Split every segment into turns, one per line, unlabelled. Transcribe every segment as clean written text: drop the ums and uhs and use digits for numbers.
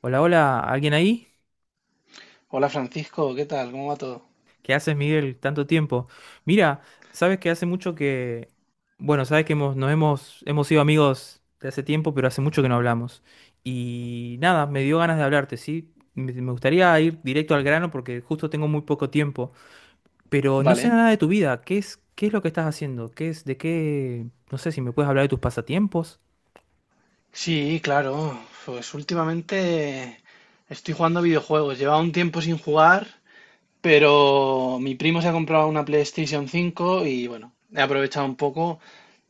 Hola, hola, ¿alguien ahí?
Hola Francisco, ¿qué tal? ¿Cómo va todo?
¿Qué haces, Miguel? Tanto tiempo. Mira, sabes que hace mucho que, bueno, sabes que hemos, nos hemos, hemos sido amigos de hace tiempo, pero hace mucho que no hablamos. Y nada, me dio ganas de hablarte, ¿sí? Me gustaría ir directo al grano porque justo tengo muy poco tiempo, pero no sé
Vale.
nada de tu vida. Qué es lo que estás haciendo? ¿Qué es, de qué, no sé si me puedes hablar de tus pasatiempos?
Sí, claro. Pues últimamente estoy jugando a videojuegos. Llevaba un tiempo sin jugar, pero mi primo se ha comprado una PlayStation 5 y bueno, he aprovechado un poco,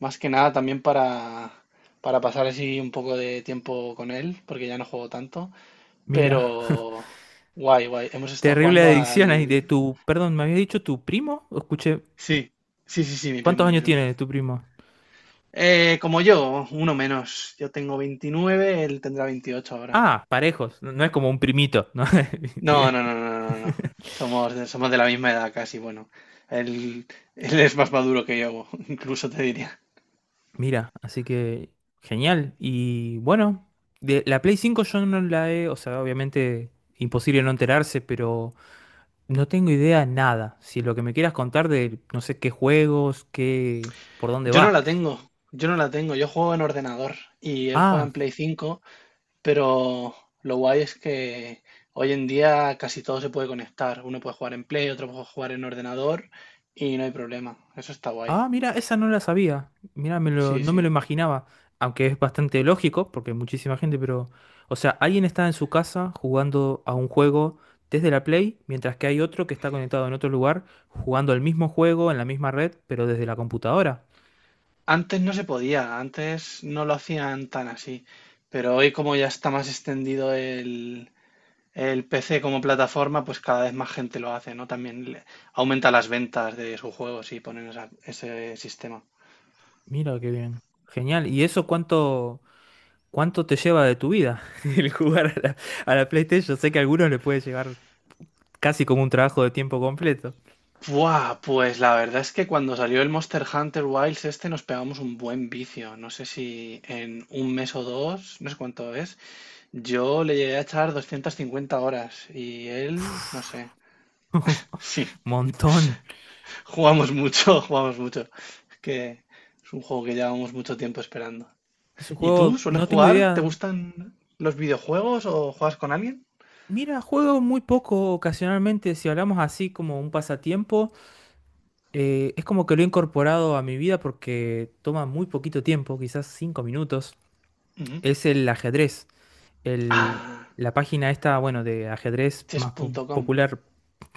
más que nada también para pasar así un poco de tiempo con él, porque ya no juego tanto.
Mira,
Pero guay, guay. Hemos estado
terrible
jugando
adicción ahí de
al.
tu, perdón, ¿me habías dicho tu primo? ¿O escuché,
Sí, sí, sí, sí, mi primo,
¿cuántos
mi
años
primo.
tiene tu primo?
Como yo, uno menos. Yo tengo 29, él tendrá 28 ahora.
Ah, parejos, no es como un primito, ¿no?
No,
Bien.
no, no, no, no, no. Somos de la misma edad casi, bueno. Él, él es más maduro que yo, incluso te diría.
Mira, así que genial. Y bueno, de la Play 5 yo no la he, o sea, obviamente imposible no enterarse, pero no tengo idea nada. Si lo que me quieras contar de, no sé, qué juegos, qué, por dónde
Yo no
va.
la tengo, yo no la tengo. Yo juego en ordenador y él juega
Ah,
en Play 5. Pero lo guay es que hoy en día casi todo se puede conectar. Uno puede jugar en Play, otro puede jugar en ordenador y no hay problema. Eso está guay.
Ah, mira, esa no la sabía. Mira, me lo,
Sí,
no me
sí.
lo imaginaba. Aunque es bastante lógico, porque hay muchísima gente, pero. O sea, alguien está en su casa jugando a un juego desde la Play, mientras que hay otro que está conectado en otro lugar, jugando al mismo juego en la misma red, pero desde la computadora.
Antes no se podía, antes no lo hacían tan así, pero hoy como ya está más extendido el PC como plataforma, pues cada vez más gente lo hace, ¿no? También aumenta las ventas de sus juegos y ponen ese sistema.
Mira qué bien. Genial. ¿Y eso cuánto, cuánto te lleva de tu vida? El jugar a la PlayStation. Sé que a algunos le puede llevar casi como un trabajo de tiempo completo.
Buah, pues la verdad es que cuando salió el Monster Hunter Wilds este nos pegamos un buen vicio. No sé si en un mes o dos, no sé cuánto es, yo le llegué a echar 250 horas y él, no sé. Sí,
Montón.
jugamos mucho, jugamos mucho. Es que es un juego que llevamos mucho tiempo esperando.
Es un
¿Y tú
juego,
sueles
no tengo
jugar? ¿Te
idea,
gustan los videojuegos o juegas con alguien?
Mira, juego muy poco ocasionalmente, si hablamos así como un pasatiempo, es como que lo he incorporado a mi vida porque toma muy poquito tiempo, quizás cinco minutos,
Ujú.
es el ajedrez. El,
Ah,
la página esta, bueno, de ajedrez más po-
chess.com,
popular,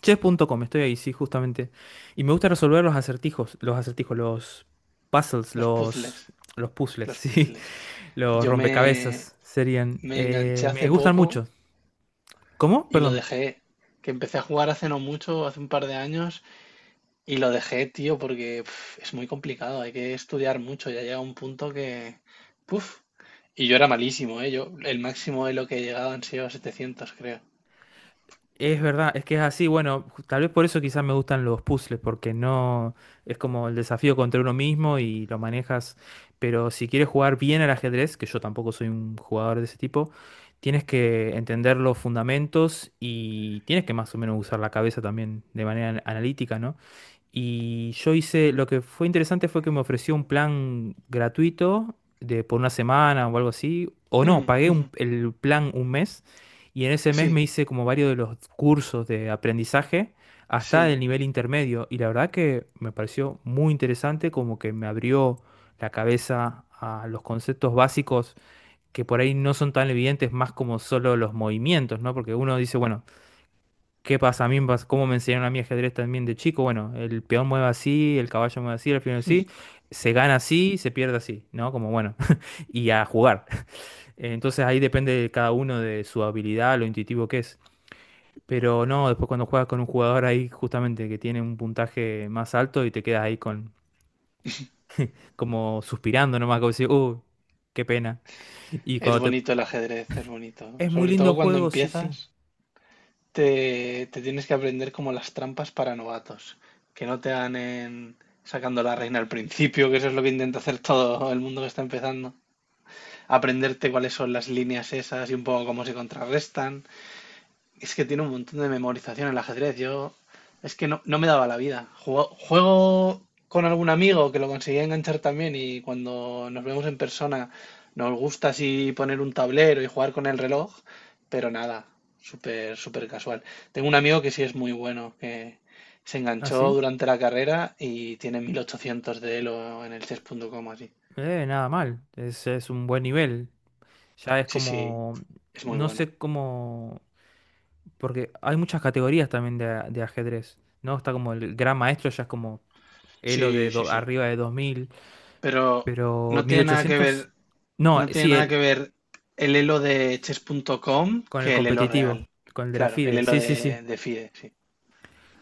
chess.com, estoy ahí, sí, justamente. Y me gusta resolver los acertijos, los acertijos, puzzles,
los puzzles,
los, los puzzles,
los
sí,
puzzles.
los
Yo me,
rompecabezas serían.
me enganché hace
Me gustan
poco
mucho. ¿Cómo?
y lo
Perdón.
dejé, que empecé a jugar hace no mucho, hace un par de años, y lo dejé, tío, porque es muy complicado, hay que estudiar mucho, ya llega un punto que. Puf. Y yo era malísimo, ¿eh? Yo, el máximo de lo que he llegado han sido 700, creo.
Es verdad, es que es así. Bueno, ju- tal vez por eso quizás me gustan los puzzles, porque no es como el desafío contra uno mismo y lo manejas. Pero si quieres jugar bien al ajedrez, que yo tampoco soy un jugador de ese tipo, tienes que entender los fundamentos y tienes que más o menos usar la cabeza también de manera an- analítica, ¿no? Y yo hice, lo que fue interesante fue que me ofreció un plan gratuito de por una semana o algo así, o no,
Mm,
pagué
ujú.
un- el plan un mes y en ese mes me
Sí,
hice como varios de los cursos de aprendizaje hasta
sí,
el nivel intermedio. Y la verdad que me pareció muy interesante, como que me abrió la cabeza a los conceptos básicos que por ahí no son tan evidentes, más como solo los movimientos, ¿no? Porque uno dice, bueno, ¿qué pasa a mí? Pas- ¿Cómo me enseñaron a mí ajedrez también de chico? Bueno, el peón mueve así, el caballo mueve así, el alfil mueve así, se gana así, se pierde así, ¿no? Como bueno, y a jugar. Entonces ahí depende de cada uno de su habilidad, lo intuitivo que es. Pero no, después cuando juegas con un jugador ahí justamente que tiene un puntaje más alto y te quedas ahí con como suspirando nomás, como decir, qué pena. Y
es
cuando te...
bonito el ajedrez, es bonito.
Es muy
Sobre todo
lindo
cuando
juego, sí, sí.
empiezas, te tienes que aprender como las trampas para novatos, que no te dan en sacando la reina al principio, que eso es lo que intenta hacer todo el mundo que está empezando. Aprenderte cuáles son las líneas esas y un poco cómo se contrarrestan. Es que tiene un montón de memorización el ajedrez. Yo es que no me daba la vida. Juego con algún amigo que lo conseguía enganchar también y cuando nos vemos en persona nos gusta así poner un tablero y jugar con el reloj, pero nada, súper, súper casual. Tengo un amigo que sí es muy bueno, que se
¿Ah,
enganchó
sí?
durante la carrera y tiene 1800 de Elo en el chess punto com así.
Nada mal. Es un buen nivel. Ya es
Sí, sí,
como...
es muy
No
bueno.
sé cómo... Porque hay muchas categorías también de, a- de ajedrez, ¿no? Está como el gran maestro, ya es como Elo de
Sí, sí,
do-
sí.
arriba de 2000
Pero
pero
no
mil
tiene nada que
ochocientos
ver.
No,
No tiene
sí,
nada
el,
que ver el elo de chess.com
Con el
que el elo
competitivo,
real.
con el de la
Claro, el
FIDE.
elo
Sí, sí, sí.
de FIDE, sí.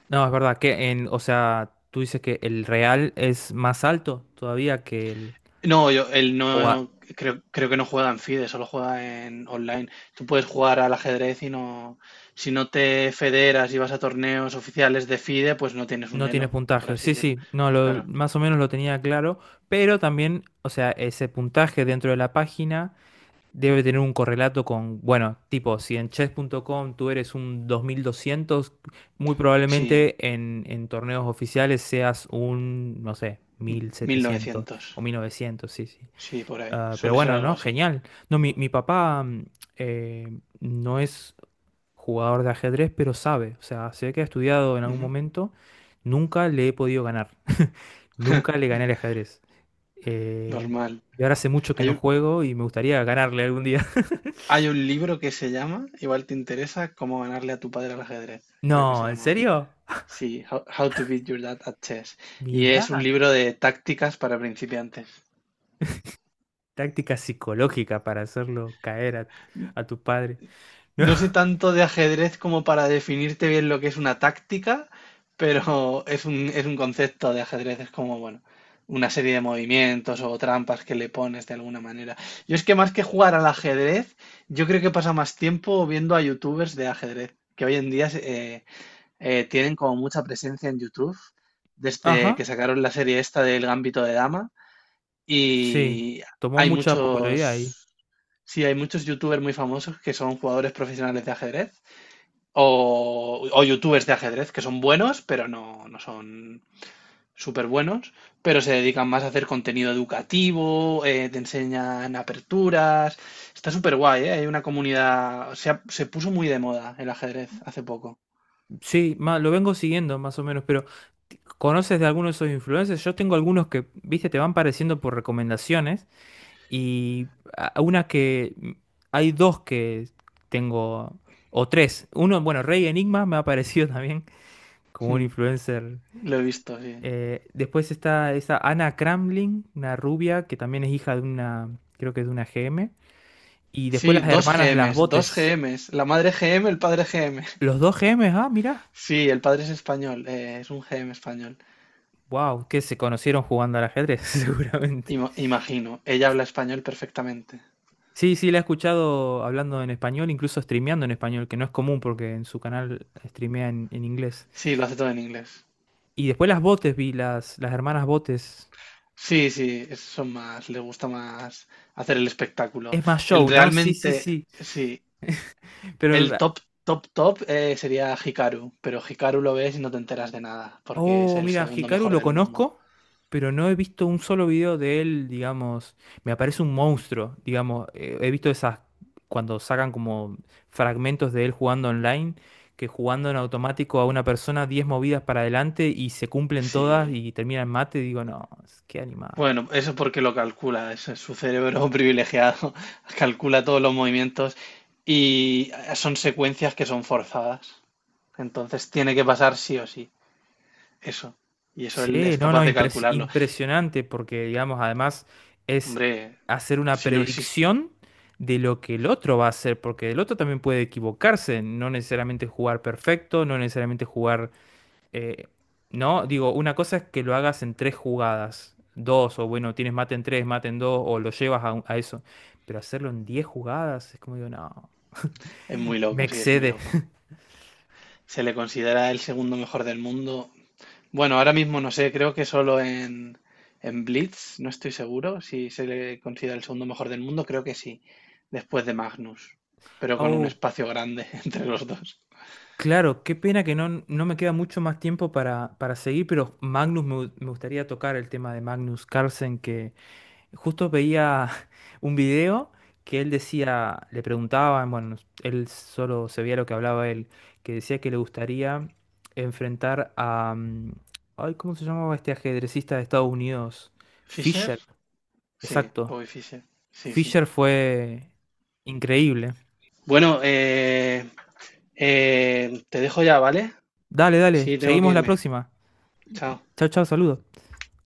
No, es verdad que en, o sea, tú dices que el real es más alto todavía que el
No, yo, él
o a-
no, creo que no juega en FIDE, solo juega en online. Tú puedes jugar al ajedrez y no, si no te federas y vas a torneos oficiales de FIDE, pues no tienes un
no tiene
elo, por
puntaje.
así
Sí,
decirlo.
sí, no, lo,
Claro,
más o menos lo tenía claro, pero también, o sea, ese puntaje dentro de la página debe tener un correlato con, bueno, tipo, si en chess.com tú eres un 2200, muy
sí,
probablemente en torneos oficiales seas un, no sé,
mil
1700
novecientos
o 1900, sí, sí.
sí, por ahí,
Ah, pero
suele ser
bueno,
algo
¿no?
así.
Genial. No, mi papá no es jugador de ajedrez, pero sabe. O sea, sé que ha estudiado en algún
Ujú.
momento. Nunca le he podido ganar. Nunca le gané al ajedrez. Eh,
Normal.
y ahora hace mucho que no
Hay,
juego y me gustaría ganarle algún día.
Hay un libro que se llama, igual te interesa, Cómo ganarle a tu padre al ajedrez, creo que se
No, ¿en
llamaba.
serio?
Sí, How to Beat Your Dad at Chess. Y es un
Mirá,
libro de tácticas para principiantes.
táctica psicológica para hacerlo caer
N-
a tu padre. No.
No sé tanto de ajedrez como para definirte bien lo que es una táctica, pero es un concepto de ajedrez, es como, bueno, una serie de movimientos o trampas que le pones de alguna manera. Yo es que más que jugar al ajedrez, yo creo que pasa más tiempo viendo a youtubers de ajedrez, que hoy en día eh, tienen como mucha presencia en YouTube desde
Ajá,
que sacaron la serie esta del Gambito de Dama
sí.
y
Tomó
hay
mucha popularidad.
muchos, sí, hay muchos youtubers muy famosos que son jugadores profesionales de ajedrez o youtubers de ajedrez que son buenos pero no son súper buenos, pero se dedican más a hacer contenido educativo, te enseñan aperturas, está súper guay, ¿eh? Hay una comunidad, se puso muy de moda el ajedrez hace poco.
Sí, ma- lo vengo siguiendo más o menos, pero t- ¿conoces de alguno de esos influencers? Yo tengo algunos que, viste, te van pareciendo por recomendaciones y a- una que mm, hay dos que tengo, o tres. Uno, bueno, Rey Enigma me ha parecido también como un
Mm,
influencer.
lo he visto, sí.
Después está esa Ana Kramling, una rubia que también es hija de una, creo que es de una GM Y después
Sí,
las
dos
hermanas Las
GMs, dos
Botes.
GMs. La madre GM, el padre GM.
Los dos G GMs ah, mirá.
Sí, el padre es español, es un GM español.
Wow, que se conocieron jugando al ajedrez, seguramente.
Imagino, ella habla español perfectamente.
Sí, sí, la he escuchado hablando en español, incluso streameando en español, que no es común porque en su canal streamea en inglés.
Sí, lo hace todo en inglés.
Y después las Botes vi, las hermanas Botes.
Sí, sí, son más, le gusta más hacer el espectáculo.
Es más
El
show, ¿no? Sí, sí,
realmente,
sí.
sí, el
Pero
top, top, top sería Hikaru, pero Hikaru lo ves y no te enteras de nada, porque es
Oh,
el
mira,
segundo
Hikaru
mejor
lo
del mundo.
conozco, pero no he visto un solo video de él, digamos. Me aparece un monstruo, digamos. He visto esas, cuando sacan como fragmentos de él jugando online, que jugando en automático a una persona 10 movidas para adelante y se cumplen todas
Sí,
y termina en mate, digo, no, es- qué animal.
bueno, eso porque lo calcula, es su cerebro privilegiado calcula todos los movimientos y son secuencias que son forzadas. Entonces tiene que pasar sí o sí, eso. Y eso él
Sí,
es
no,
capaz
no,
de
impres-
calcularlo.
impresionante porque, digamos, además es
Hombre,
hacer una
si no existe,
predicción de lo que el otro va a hacer, porque el otro también puede equivocarse, no necesariamente jugar perfecto, no necesariamente jugar, eh, no, digo, una cosa es que lo hagas en tres jugadas, dos, o bueno, tienes mate en tres, mate en dos, o lo llevas a, un- a eso, pero hacerlo en 10 jugadas es como digo, no,
es muy
me
loco, sí, es muy
excede.
loco. Se le considera el segundo mejor del mundo. Bueno, ahora mismo no sé, creo que solo en, Blitz, no estoy seguro si se le considera el segundo mejor del mundo, creo que sí, después de Magnus, pero con un
Oh.
espacio grande entre los dos.
Claro, qué pena que no, no me queda mucho más tiempo para seguir, pero Magnus, me, gu- me gustaría tocar el tema de Magnus Carlsen, que justo veía un video que él decía, le preguntaban, bueno, él solo se veía lo que hablaba él, que decía que le gustaría enfrentar a, mm, ay, ¿cómo se llamaba este ajedrecista de Estados Unidos?
¿Fisher?
Fischer,
Sí,
exacto.
Bobby Fischer, sí, sí.
Fischer fue increíble.
Bueno, te dejo ya, ¿vale?
Dale, dale,
Sí, tengo que
seguimos la
irme.
próxima.
Chao.
Chao, chao, saludos.